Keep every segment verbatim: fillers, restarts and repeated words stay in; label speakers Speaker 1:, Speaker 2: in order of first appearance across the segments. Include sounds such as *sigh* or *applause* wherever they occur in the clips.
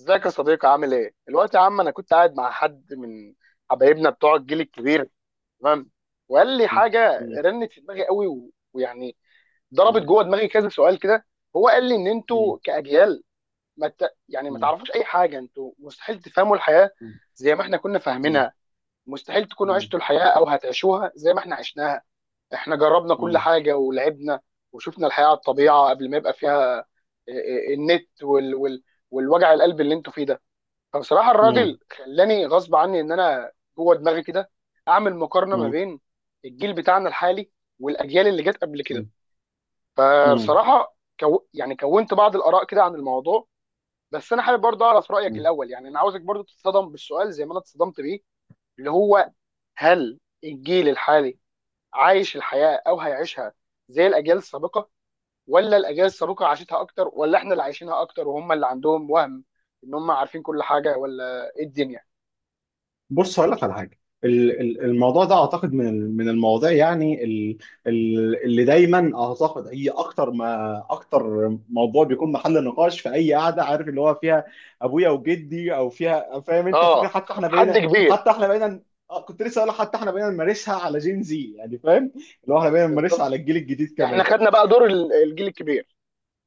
Speaker 1: ازيك يا صديقي؟ عامل ايه؟ الوقت يا عم، انا كنت قاعد مع حد من حبايبنا بتوع الجيل الكبير. تمام. وقال لي
Speaker 2: مم.
Speaker 1: حاجه
Speaker 2: مم.
Speaker 1: رنت في دماغي قوي و- ويعني ضربت
Speaker 2: مم.
Speaker 1: جوه دماغي كذا سؤال كده. هو قال لي ان
Speaker 2: مم.
Speaker 1: انتوا كاجيال ما ت... يعني ما تعرفوش اي حاجه، انتوا مستحيل تفهموا الحياه
Speaker 2: مم.
Speaker 1: زي ما احنا كنا
Speaker 2: مم.
Speaker 1: فاهمينها، مستحيل تكونوا
Speaker 2: مم.
Speaker 1: عشتوا الحياه او هتعيشوها زي ما احنا عشناها. احنا جربنا كل
Speaker 2: مم.
Speaker 1: حاجه ولعبنا وشفنا الحياه على الطبيعه قبل ما يبقى فيها ال- النت وال... وال... والوجع القلب اللي انتوا فيه ده. فبصراحه
Speaker 2: مم.
Speaker 1: الراجل خلاني غصب عني ان انا جوه دماغي كده اعمل مقارنه ما
Speaker 2: مم.
Speaker 1: بين الجيل بتاعنا الحالي والاجيال اللي جت قبل كده.
Speaker 2: مم. مم.
Speaker 1: فبصراحه كو... يعني كونت بعض الاراء كده عن الموضوع. بس انا حابب برضه اعرف رايك
Speaker 2: مم.
Speaker 1: الاول، يعني انا عاوزك برضه تتصدم بالسؤال زي ما انا اتصدمت بيه، اللي هو: هل الجيل الحالي عايش الحياه او هيعيشها زي الاجيال السابقه؟ ولا الاجيال السابقه عاشتها اكتر؟ ولا احنا اللي عايشينها اكتر وهم اللي عندهم وهم ان هم عارفين كل حاجه؟ ولا ايه الدنيا؟
Speaker 2: بص، هقول لك على حاجه. ال- ال- الموضوع ده اعتقد من ال- من المواضيع، يعني ال- ال- اللي دايما اعتقد هي اكتر ما اكتر موضوع بيكون محل نقاش في اي قعده، عارف، اللي هو فيها ابويا وجدي، او فيها، فاهم انت فكره؟
Speaker 1: اه،
Speaker 2: حتى احنا
Speaker 1: حد
Speaker 2: بقينا
Speaker 1: كبير.
Speaker 2: حتى احنا بقينا آه، كنت لسه اقول لك، حتى احنا بقينا نمارسها على جين، زي يعني فاهم، اللي هو احنا بقينا نمارسها
Speaker 1: بالظبط،
Speaker 2: على الجيل الجديد
Speaker 1: احنا
Speaker 2: كمان.
Speaker 1: خدنا بقى دور ال- الجيل الكبير.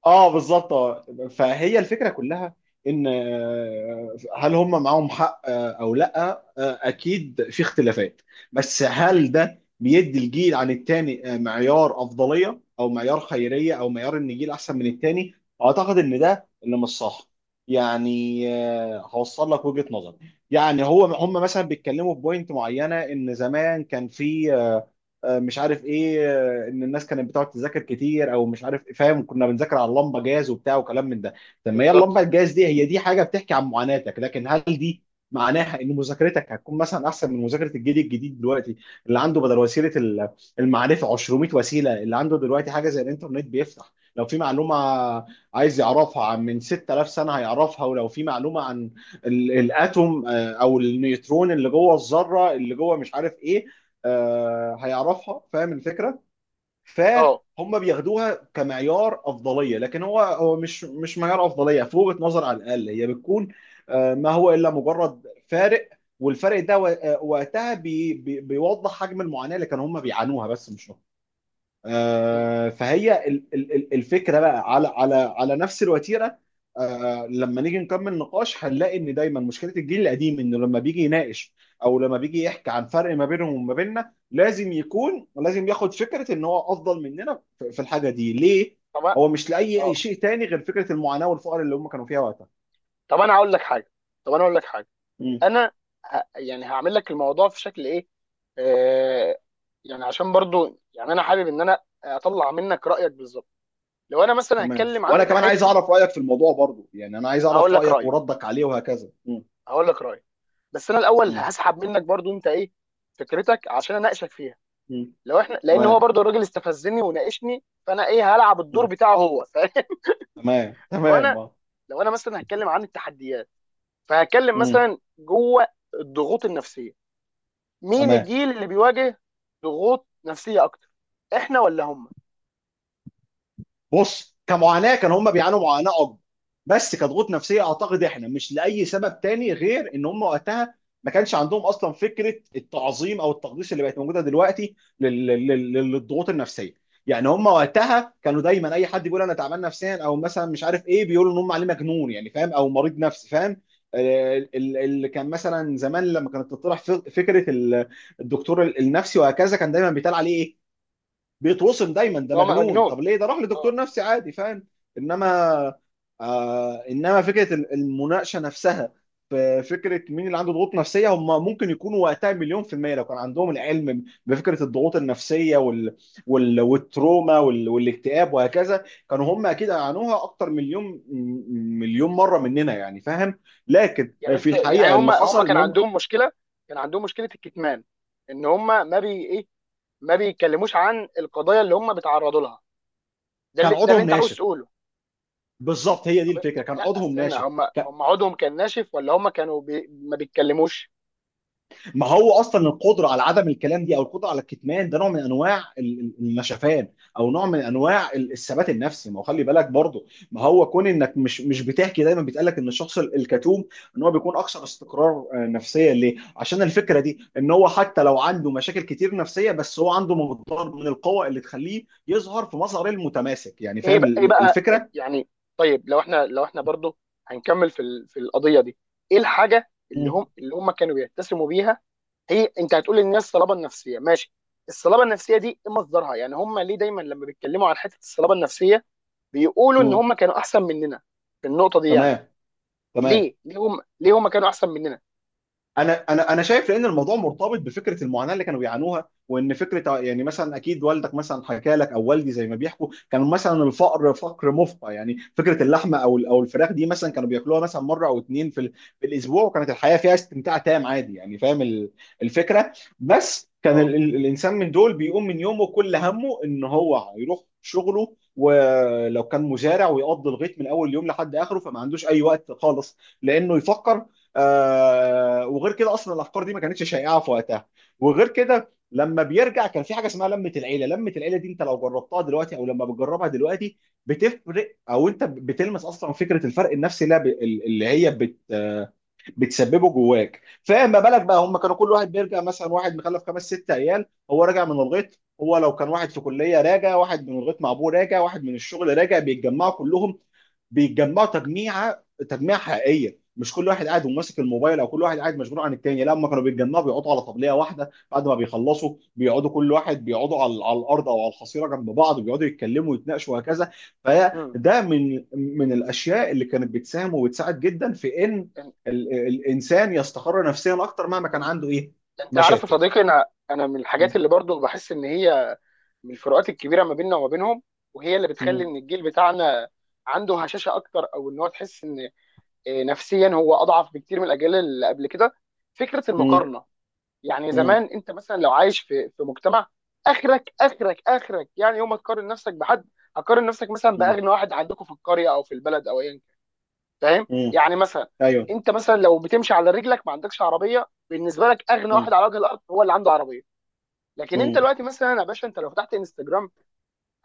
Speaker 2: اه، بالظبط، اه. فهي الفكره كلها ان آه، هل هم معاهم حق آه، او لا، آه، اكيد في اختلافات، بس هل ده بيدي الجيل عن التاني آه، معيار افضليه، او معيار خيريه، او معيار ان الجيل احسن من التاني؟ اعتقد ان ده اللي مش صح. يعني آه، هوصل لك وجهه نظر. يعني هو هم مثلا بيتكلموا في بوينت معينه ان زمان كان في آه، آه، مش عارف ايه، ان الناس كانت بتقعد تذاكر كتير او مش عارف فاهم، كنا بنذاكر على اللمبه جاز وبتاع وكلام من ده. طب ما هي اللمبه
Speaker 1: بالظبط.
Speaker 2: الجاز دي هي دي حاجه بتحكي عن معاناتك، لكن هل دي معناها ان مذاكرتك هتكون مثلا احسن من مذاكره الجيل الجديد دلوقتي، اللي عنده بدل وسيله ال- المعرفه، مئتين وسيله؟ اللي عنده دلوقتي حاجه زي الانترنت، بيفتح لو في معلومه عايز يعرفها عن من ستة آلاف سنه هيعرفها، ولو في معلومه عن ال- الاتوم آه، او النيوترون اللي جوه الذره اللي جوه، مش عارف ايه، آه، هيعرفها، فاهم الفكره.
Speaker 1: اه.
Speaker 2: فهم بياخدوها كمعيار افضليه، لكن هو هو مش مش معيار افضليه، في وجهه نظر على الاقل هي بتكون آه، ما هو الا مجرد فارق. والفرق ده و- آه، وقتها بي بي بيوضح حجم المعاناه اللي كانوا هم بيعانوها، بس مش
Speaker 1: مم.
Speaker 2: آه، فهي ال- ال- ال- الفكره بقى على على على نفس الوتيره. آه، لما نيجي نكمل نقاش هنلاقي ان دايما مشكله الجيل القديم انه لما بيجي يناقش او لما بيجي يحكي عن فرق ما بينهم وما بيننا، لازم يكون، لازم ياخد فكره ان هو افضل مننا في في الحاجه دي. ليه؟
Speaker 1: طب. أ-
Speaker 2: هو مش لاي أي
Speaker 1: اه.
Speaker 2: شيء تاني غير فكره المعاناه والفقر اللي هم كانوا فيها وقتها.
Speaker 1: طب انا هقول لك حاجه طب انا هقول لك حاجه.
Speaker 2: مم.
Speaker 1: انا ه... يعني هعمل لك الموضوع في شكل ايه. آه... يعني عشان برضو يعني انا حابب ان انا اطلع منك رايك بالظبط. لو انا مثلا
Speaker 2: تمام،
Speaker 1: هتكلم
Speaker 2: وانا
Speaker 1: عن
Speaker 2: كمان عايز
Speaker 1: حته،
Speaker 2: اعرف رايك في الموضوع برضو، يعني انا عايز
Speaker 1: هقول
Speaker 2: اعرف
Speaker 1: لك
Speaker 2: رايك
Speaker 1: رايي
Speaker 2: وردك عليه وهكذا. مم.
Speaker 1: هقول لك رايي. بس انا الاول
Speaker 2: مم.
Speaker 1: هسحب منك برضو انت ايه فكرتك، عشان اناقشك فيها.
Speaker 2: مم.
Speaker 1: لو احنا، لان هو
Speaker 2: تمام.
Speaker 1: برضو الراجل استفزني وناقشني، فانا ايه، هلعب الدور
Speaker 2: مم.
Speaker 1: بتاعه. هو فاهم؟
Speaker 2: تمام،
Speaker 1: *laughs* وانا
Speaker 2: تمام.
Speaker 1: لو انا مثلا هتكلم عن التحديات، فهتكلم
Speaker 2: امم
Speaker 1: مثلا جوه الضغوط النفسيه. مين
Speaker 2: تمام.
Speaker 1: الجيل اللي بيواجه ضغوط نفسيه اكتر؟ احنا ولا هم؟
Speaker 2: بص، كمعاناه كان هم بيعانوا معاناه اكبر، بس كضغوط نفسيه اعتقد احنا مش لاي سبب تاني غير ان هم وقتها ما كانش عندهم اصلا فكره التعظيم او التقديس اللي بقت موجوده دلوقتي لل- لل- لل- للضغوط النفسيه. يعني هم وقتها كانوا دايما اي حد بيقول انا تعبان نفسيا او مثلا مش عارف ايه، بيقولوا ان هم عليه مجنون، يعني فاهم، او مريض نفسي، فاهم. آه، ال- اللي كان مثلا زمان لما كانت تطرح فكره ال- الدكتور النفسي وهكذا، كان دايما بيتقال عليه إيه؟ بيتوصم دايما ده
Speaker 1: هم مجنون.
Speaker 2: مجنون، طب ليه ده راح لدكتور
Speaker 1: اه.
Speaker 2: نفسي عادي، فاهم. انما آه انما فكره ال- المناقشه نفسها في فكره مين اللي عنده ضغوط نفسيه، هم ممكن يكونوا وقتها مليون في الميه، لو كان عندهم العلم بفكره الضغوط النفسيه وال وال والتروما وال والاكتئاب وهكذا، كانوا هم اكيد عانوها اكتر مليون م- مليون مره مننا، يعني فاهم. لكن
Speaker 1: يعني
Speaker 2: في
Speaker 1: انت يعني
Speaker 2: الحقيقه
Speaker 1: هم
Speaker 2: اللي
Speaker 1: هم
Speaker 2: حصل
Speaker 1: كان
Speaker 2: انهم
Speaker 1: عندهم مشكله كان عندهم مشكله الكتمان، ان هم، ما بي ايه ما بيتكلموش عن القضايا اللي هم بيتعرضوا لها. ده
Speaker 2: كان
Speaker 1: اللي ده اللي
Speaker 2: عضهم
Speaker 1: انت عاوز
Speaker 2: ناشف.
Speaker 1: تقوله.
Speaker 2: بالظبط، هي دي
Speaker 1: طب
Speaker 2: الفكره، كان
Speaker 1: لا
Speaker 2: عضهم
Speaker 1: استنى،
Speaker 2: ناشف.
Speaker 1: هم هم عضهم كان ناشف، ولا هم كانوا بي... ما بيتكلموش؟
Speaker 2: ما هو اصلا القدره على عدم الكلام دي، او القدره على الكتمان ده، نوع من انواع ال- ال- النشفان، او نوع من انواع ال- الثبات النفسي. ما هو خلي بالك برضه، ما هو كون انك مش مش بتحكي، دايما بيتقال لك ان الشخص ال- الكتوم ان هو بيكون اكثر استقرار آه، نفسيا، ليه؟ عشان الفكره دي ان هو حتى لو عنده مشاكل كتير نفسيه، بس هو عنده مقدار من القوه اللي تخليه يظهر في مظهر المتماسك، يعني
Speaker 1: ايه
Speaker 2: فاهم
Speaker 1: بقى ايه
Speaker 2: ال-
Speaker 1: بقى إيه
Speaker 2: الفكره؟
Speaker 1: يعني؟ طيب، لو احنا لو احنا برضو هنكمل في ال... في القضيه دي. ايه الحاجه اللي
Speaker 2: مم.
Speaker 1: هم اللي هم كانوا بيتسموا بيها؟ هي انت هتقول للناس صلابه نفسيه. ماشي. الصلابه النفسيه دي ايه مصدرها؟ يعني هم ليه دايما لما بيتكلموا عن حته الصلابه النفسيه بيقولوا ان
Speaker 2: مم.
Speaker 1: هم كانوا احسن مننا في النقطه دي؟ يعني
Speaker 2: تمام. تمام.
Speaker 1: ليه ليه هم ليه هم كانوا احسن مننا؟
Speaker 2: انا انا انا شايف لان الموضوع مرتبط بفكره المعاناه اللي كانوا بيعانوها، وان فكره يعني، مثلا اكيد والدك مثلا حكى لك او والدي زي ما بيحكوا، كان مثلا الفقر فقر مفقع، يعني فكره اللحمه او او الفراخ دي مثلا كانوا بياكلوها مثلا مره او اتنين في ال- في الاسبوع، وكانت الحياه فيها استمتاع تام عادي، يعني فاهم ال- الفكره. بس كان
Speaker 1: اه.
Speaker 2: ال ال الانسان من دول بيقوم من يومه، كل همه ان هو يروح شغله، ولو كان مزارع ويقضي الغيط من اول يوم لحد اخره، فما عندوش اي وقت خالص لانه يفكر. آه وغير كده اصلا الافكار دي ما كانتش شائعه في وقتها، وغير كده لما بيرجع كان في حاجه اسمها لمه العيله. لمه العيله دي انت لو جربتها دلوقتي او لما بتجربها دلوقتي، بتفرق، او انت بتلمس اصلا فكره الفرق النفسي اللي اللي هي بت آه، بتسببه جواك. فما بالك بقى، هم كانوا كل واحد بيرجع، مثلا واحد مخلف خمس ست عيال، هو راجع من الغيط، هو لو كان واحد في كليه راجع، واحد من الغيط مع ابوه راجع، واحد من الشغل راجع، بيتجمعوا كلهم. بيتجمعوا تجميعه، تجميعه حقيقيه، مش كل واحد قاعد وماسك الموبايل او كل واحد قاعد مشغول عن التاني. لا، هم كانوا بيتجمعوا، بيقعدوا على طبليه واحده، بعد ما بيخلصوا بيقعدوا كل واحد، بيقعدوا على, على الارض او على الحصيره جنب بعض، بيقعدوا يتكلموا ويتناقشوا وهكذا. فده من من الاشياء اللي كانت بتساهم وبتساعد جدا في ان ال- الانسان يستقر نفسيا اكتر مهما كان
Speaker 1: امم.
Speaker 2: عنده ايه
Speaker 1: انت عارف يا
Speaker 2: مشاكل.
Speaker 1: صديقي، انا انا من
Speaker 2: م-
Speaker 1: الحاجات اللي برضو بحس ان هي من الفروقات الكبيره ما بيننا وما بينهم، وهي اللي بتخلي
Speaker 2: م-
Speaker 1: ان الجيل بتاعنا عنده هشاشه اكتر، او ان هو تحس ان آه، نفسيا هو اضعف بكتير من الاجيال اللي قبل كده. فكره
Speaker 2: م-
Speaker 1: المقارنه، يعني
Speaker 2: م-
Speaker 1: زمان انت مثلا لو عايش في في مجتمع، اخرك اخرك اخرك يعني يوم ما تقارن نفسك بحد، هتقارن نفسك مثلا
Speaker 2: م-
Speaker 1: باغنى واحد عندكم في القريه او في البلد او ايا كان. فاهم
Speaker 2: م.
Speaker 1: يعني؟ مثلا
Speaker 2: ايوه.
Speaker 1: انت مثلا لو بتمشي على رجلك ما عندكش عربيه، بالنسبه لك اغنى واحد
Speaker 2: م-
Speaker 1: على وجه الارض هو اللي عنده عربيه. لكن انت
Speaker 2: م-
Speaker 1: دلوقتي مثلا يا باشا، انت لو فتحت انستجرام،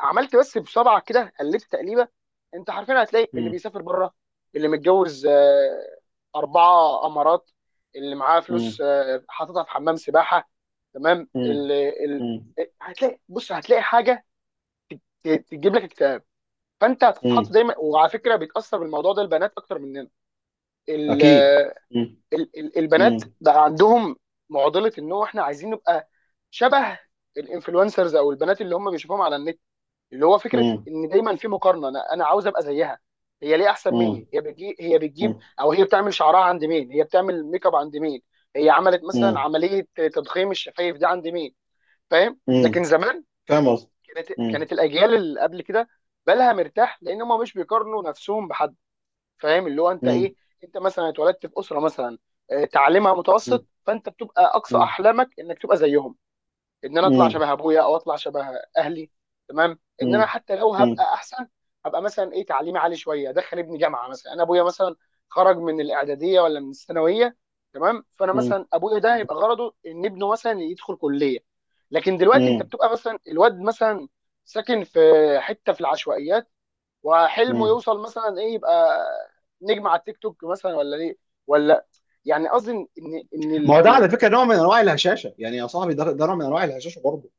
Speaker 1: عملت بس بصبعك كده قلبت تقليبه، انت حرفيا هتلاقي اللي
Speaker 2: م-
Speaker 1: بيسافر بره، اللي متجوز آه، اربعه امارات، اللي معاه فلوس
Speaker 2: م-
Speaker 1: آه، حاططها في حمام سباحه. تمام.
Speaker 2: م-
Speaker 1: اللي ال...
Speaker 2: م-
Speaker 1: آه، هتلاقي، بص هتلاقي حاجه ت- تجيب لك اكتئاب. فانت هتتحط
Speaker 2: م.
Speaker 1: دايما، وعلى فكره بيتاثر بالموضوع ده البنات اكتر مننا. ال...
Speaker 2: اكيد.
Speaker 1: آه،
Speaker 2: م-
Speaker 1: ال... ال- البنات
Speaker 2: م-
Speaker 1: بقى عندهم معضله، ان هو احنا عايزين نبقى شبه الانفلونسرز، او البنات اللي هم بيشوفوهم على النت، اللي هو فكره
Speaker 2: م-
Speaker 1: ان دايما في مقارنه، انا انا عاوز ابقى زيها، هي ليه احسن
Speaker 2: م-
Speaker 1: مني؟ هي بتجيب هي بتجيب
Speaker 2: م-
Speaker 1: او هي بتعمل شعرها عند مين؟ هي بتعمل ميك اب عند مين؟ هي عملت مثلا
Speaker 2: م-
Speaker 1: عمليه تضخيم الشفايف دي عند مين؟ فاهم؟
Speaker 2: م.
Speaker 1: لكن زمان
Speaker 2: فاهم قصدي.
Speaker 1: كانت
Speaker 2: م-
Speaker 1: كانت الاجيال اللي قبل كده بالها مرتاح، لان هم مش بيقارنوا نفسهم بحد. فاهم؟ اللي هو انت
Speaker 2: م-
Speaker 1: ايه، انت مثلا اتولدت في اسره مثلا آه، تعليمها
Speaker 2: م-
Speaker 1: متوسط، فانت بتبقى اقصى
Speaker 2: م-
Speaker 1: احلامك انك تبقى زيهم، ان انا اطلع
Speaker 2: م-
Speaker 1: شبه ابويا، او اطلع شبه اهلي. تمام، ان
Speaker 2: م-
Speaker 1: انا حتى لو
Speaker 2: م-
Speaker 1: هبقى احسن، هبقى مثلا ايه، تعليمي عالي شويه، ادخل ابني جامعه مثلا. انا ابويا مثلا خرج من الاعداديه ولا من الثانويه، تمام، فانا
Speaker 2: م-
Speaker 1: مثلا ابويا ده هيبقى غرضه ان ابنه مثلا يدخل كليه. لكن دلوقتي انت
Speaker 2: م-
Speaker 1: بتبقى مثلا الواد مثلا ساكن في حته في العشوائيات، وحلمه
Speaker 2: م.
Speaker 1: يوصل مثلا ايه، يبقى نجم على التيك توك مثلا، ولا ليه، ولا، يعني قصدي ان ان إن
Speaker 2: ما هو
Speaker 1: ال
Speaker 2: ده على
Speaker 1: ال
Speaker 2: فكره
Speaker 1: ال
Speaker 2: نوع من انواع الهشاشه، يعني يا صاحبي، ده ده نوع من انواع الهشاشه برضه.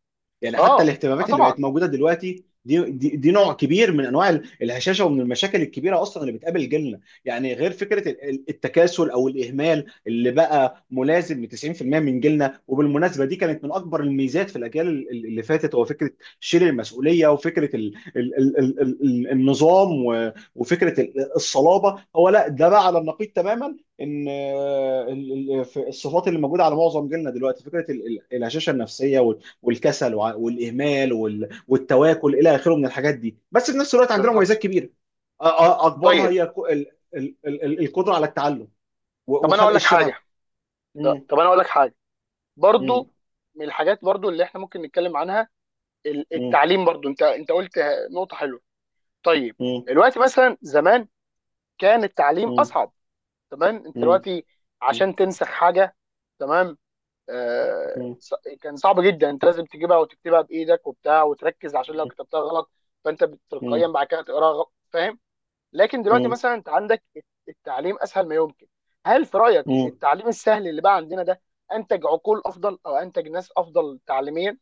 Speaker 2: يعني حتى
Speaker 1: اه. اه،
Speaker 2: الاهتمامات اللي
Speaker 1: طبعا.
Speaker 2: بقت موجوده دلوقتي دي دي, دي نوع كبير من انواع ال- الهشاشه، ومن المشاكل الكبيره اصلا اللي بتقابل جيلنا، يعني غير فكره ال- ال- التكاسل او الاهمال اللي بقى ملازم ل تسعين في الميه من جيلنا. وبالمناسبه دي كانت من اكبر الميزات في الاجيال ال- ال- اللي فاتت، هو فكره شيل المسؤوليه وفكره ال ال ال ال ال ال- النظام و- وفكره ال- الصلابه. هو لا، ده بقى على النقيض تماما، ان آه، ال- ال- في الصفات اللي موجوده على معظم جيلنا دلوقتي فكره ال- ال- الهشاشه النفسيه، والكسل وع- والاهمال وال- والتواكل الى اخره من الحاجات دي، بس في نفس الوقت عندنا مميزات
Speaker 1: بالظبط.
Speaker 2: كبيره. أ- أ- اكبرها
Speaker 1: طيب.
Speaker 2: هي ك- ال- ال- ال- ال- القدره على التعلم و-
Speaker 1: طب انا
Speaker 2: وخلق
Speaker 1: اقول لك
Speaker 2: الشغف.
Speaker 1: حاجه ط-
Speaker 2: مم.
Speaker 1: طب انا اقول لك حاجه
Speaker 2: مم.
Speaker 1: برضو. من الحاجات برضو اللي احنا ممكن نتكلم عنها ال-
Speaker 2: مم.
Speaker 1: التعليم برضو. انت انت قلت نقطه حلوه. طيب،
Speaker 2: مم.
Speaker 1: دلوقتي مثلا، زمان كان التعليم
Speaker 2: مم.
Speaker 1: اصعب، تمام، انت
Speaker 2: مم.
Speaker 1: دلوقتي عشان تنسخ حاجه، تمام، آه
Speaker 2: مم.
Speaker 1: ص- كان صعب جدا، انت لازم تجيبها وتكتبها بايدك وبتاع وتركز، عشان لو
Speaker 2: مم.
Speaker 1: كتبتها غلط فانت تلقائيا بعد كده تقراها غلط. فاهم؟ لكن دلوقتي
Speaker 2: مم.
Speaker 1: مثلا انت عندك التعليم اسهل ما يمكن. هل في رايك
Speaker 2: مم.
Speaker 1: التعليم السهل اللي بقى عندنا ده انتج عقول افضل، او انتج ناس افضل تعليميا؟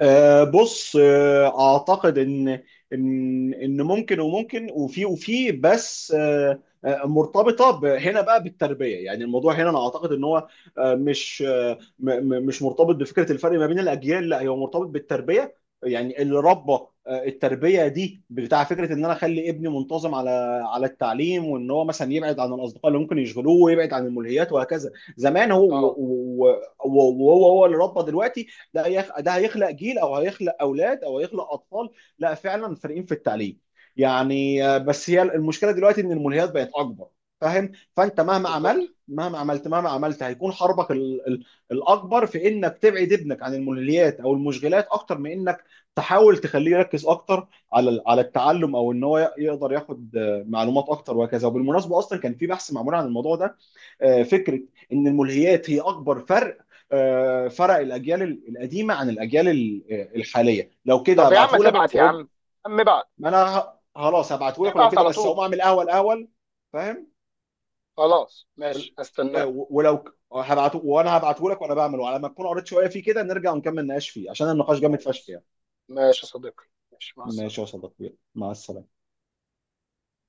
Speaker 2: آه، بص، آه، اعتقد ان ان ان ممكن، وممكن، وفي وفي بس آه، آه، مرتبطه ب- هنا بقى بالتربيه. يعني الموضوع هنا انا اعتقد ان هو آه، مش آه، م- م- مش مرتبط بفكره الفرق ما بين الاجيال، لا هو مرتبط بالتربيه. يعني اللي ربى، آه، التربيه دي بتاع فكره ان انا اخلي ابني منتظم على على التعليم، وان هو مثلا يبعد عن الاصدقاء اللي ممكن يشغلوه، ويبعد عن الملهيات وهكذا. زمان
Speaker 1: اه.
Speaker 2: هو، وهو هو اللي ربى دلوقتي، ده هيخ... ده هيخلق جيل، او هيخلق اولاد، او هيخلق اطفال لا، فعلا فارقين في التعليم. يعني آه، بس هي المشكله دلوقتي ان الملهيات بقت اكبر، فاهم. فانت مهما
Speaker 1: بالظبط.
Speaker 2: عملت، مهما عملت، مهما عملت هيكون حربك ال... ال... الاكبر في انك تبعد ابنك عن الملهيات او المشغلات، اكتر من انك تحاول تخليه يركز اكتر على ال- على التعلم، او ان هو ي- يقدر ياخد آه، معلومات اكتر وهكذا. وبالمناسبه اصلا كان في بحث معمول عن الموضوع ده، آه، فكره ان الملهيات هي اكبر فرق، آه، فرق الاجيال القديمه عن الاجيال الحاليه. لو كده
Speaker 1: طب يا عم
Speaker 2: هبعته لك
Speaker 1: تبعت يا
Speaker 2: واقوم.
Speaker 1: عم، عم ابعت،
Speaker 2: ما انا خلاص هبعته لك ولو
Speaker 1: ابعت
Speaker 2: كده،
Speaker 1: على
Speaker 2: بس
Speaker 1: طول.
Speaker 2: اقوم اعمل قهوه الاول، فاهم.
Speaker 1: خلاص
Speaker 2: ول-
Speaker 1: ماشي، هستناك.
Speaker 2: ولو هبعته، وانا هبعته لك وانا بعمله، على ما تكون قريت شويه فيه كده، نرجع ونكمل نقاش فيه، عشان النقاش جامد فشخ
Speaker 1: خلاص
Speaker 2: يعني.
Speaker 1: ماشي يا صديقي. ماشي، مع
Speaker 2: ماشي يا
Speaker 1: السلامه.
Speaker 2: صديقي، مع السلامه.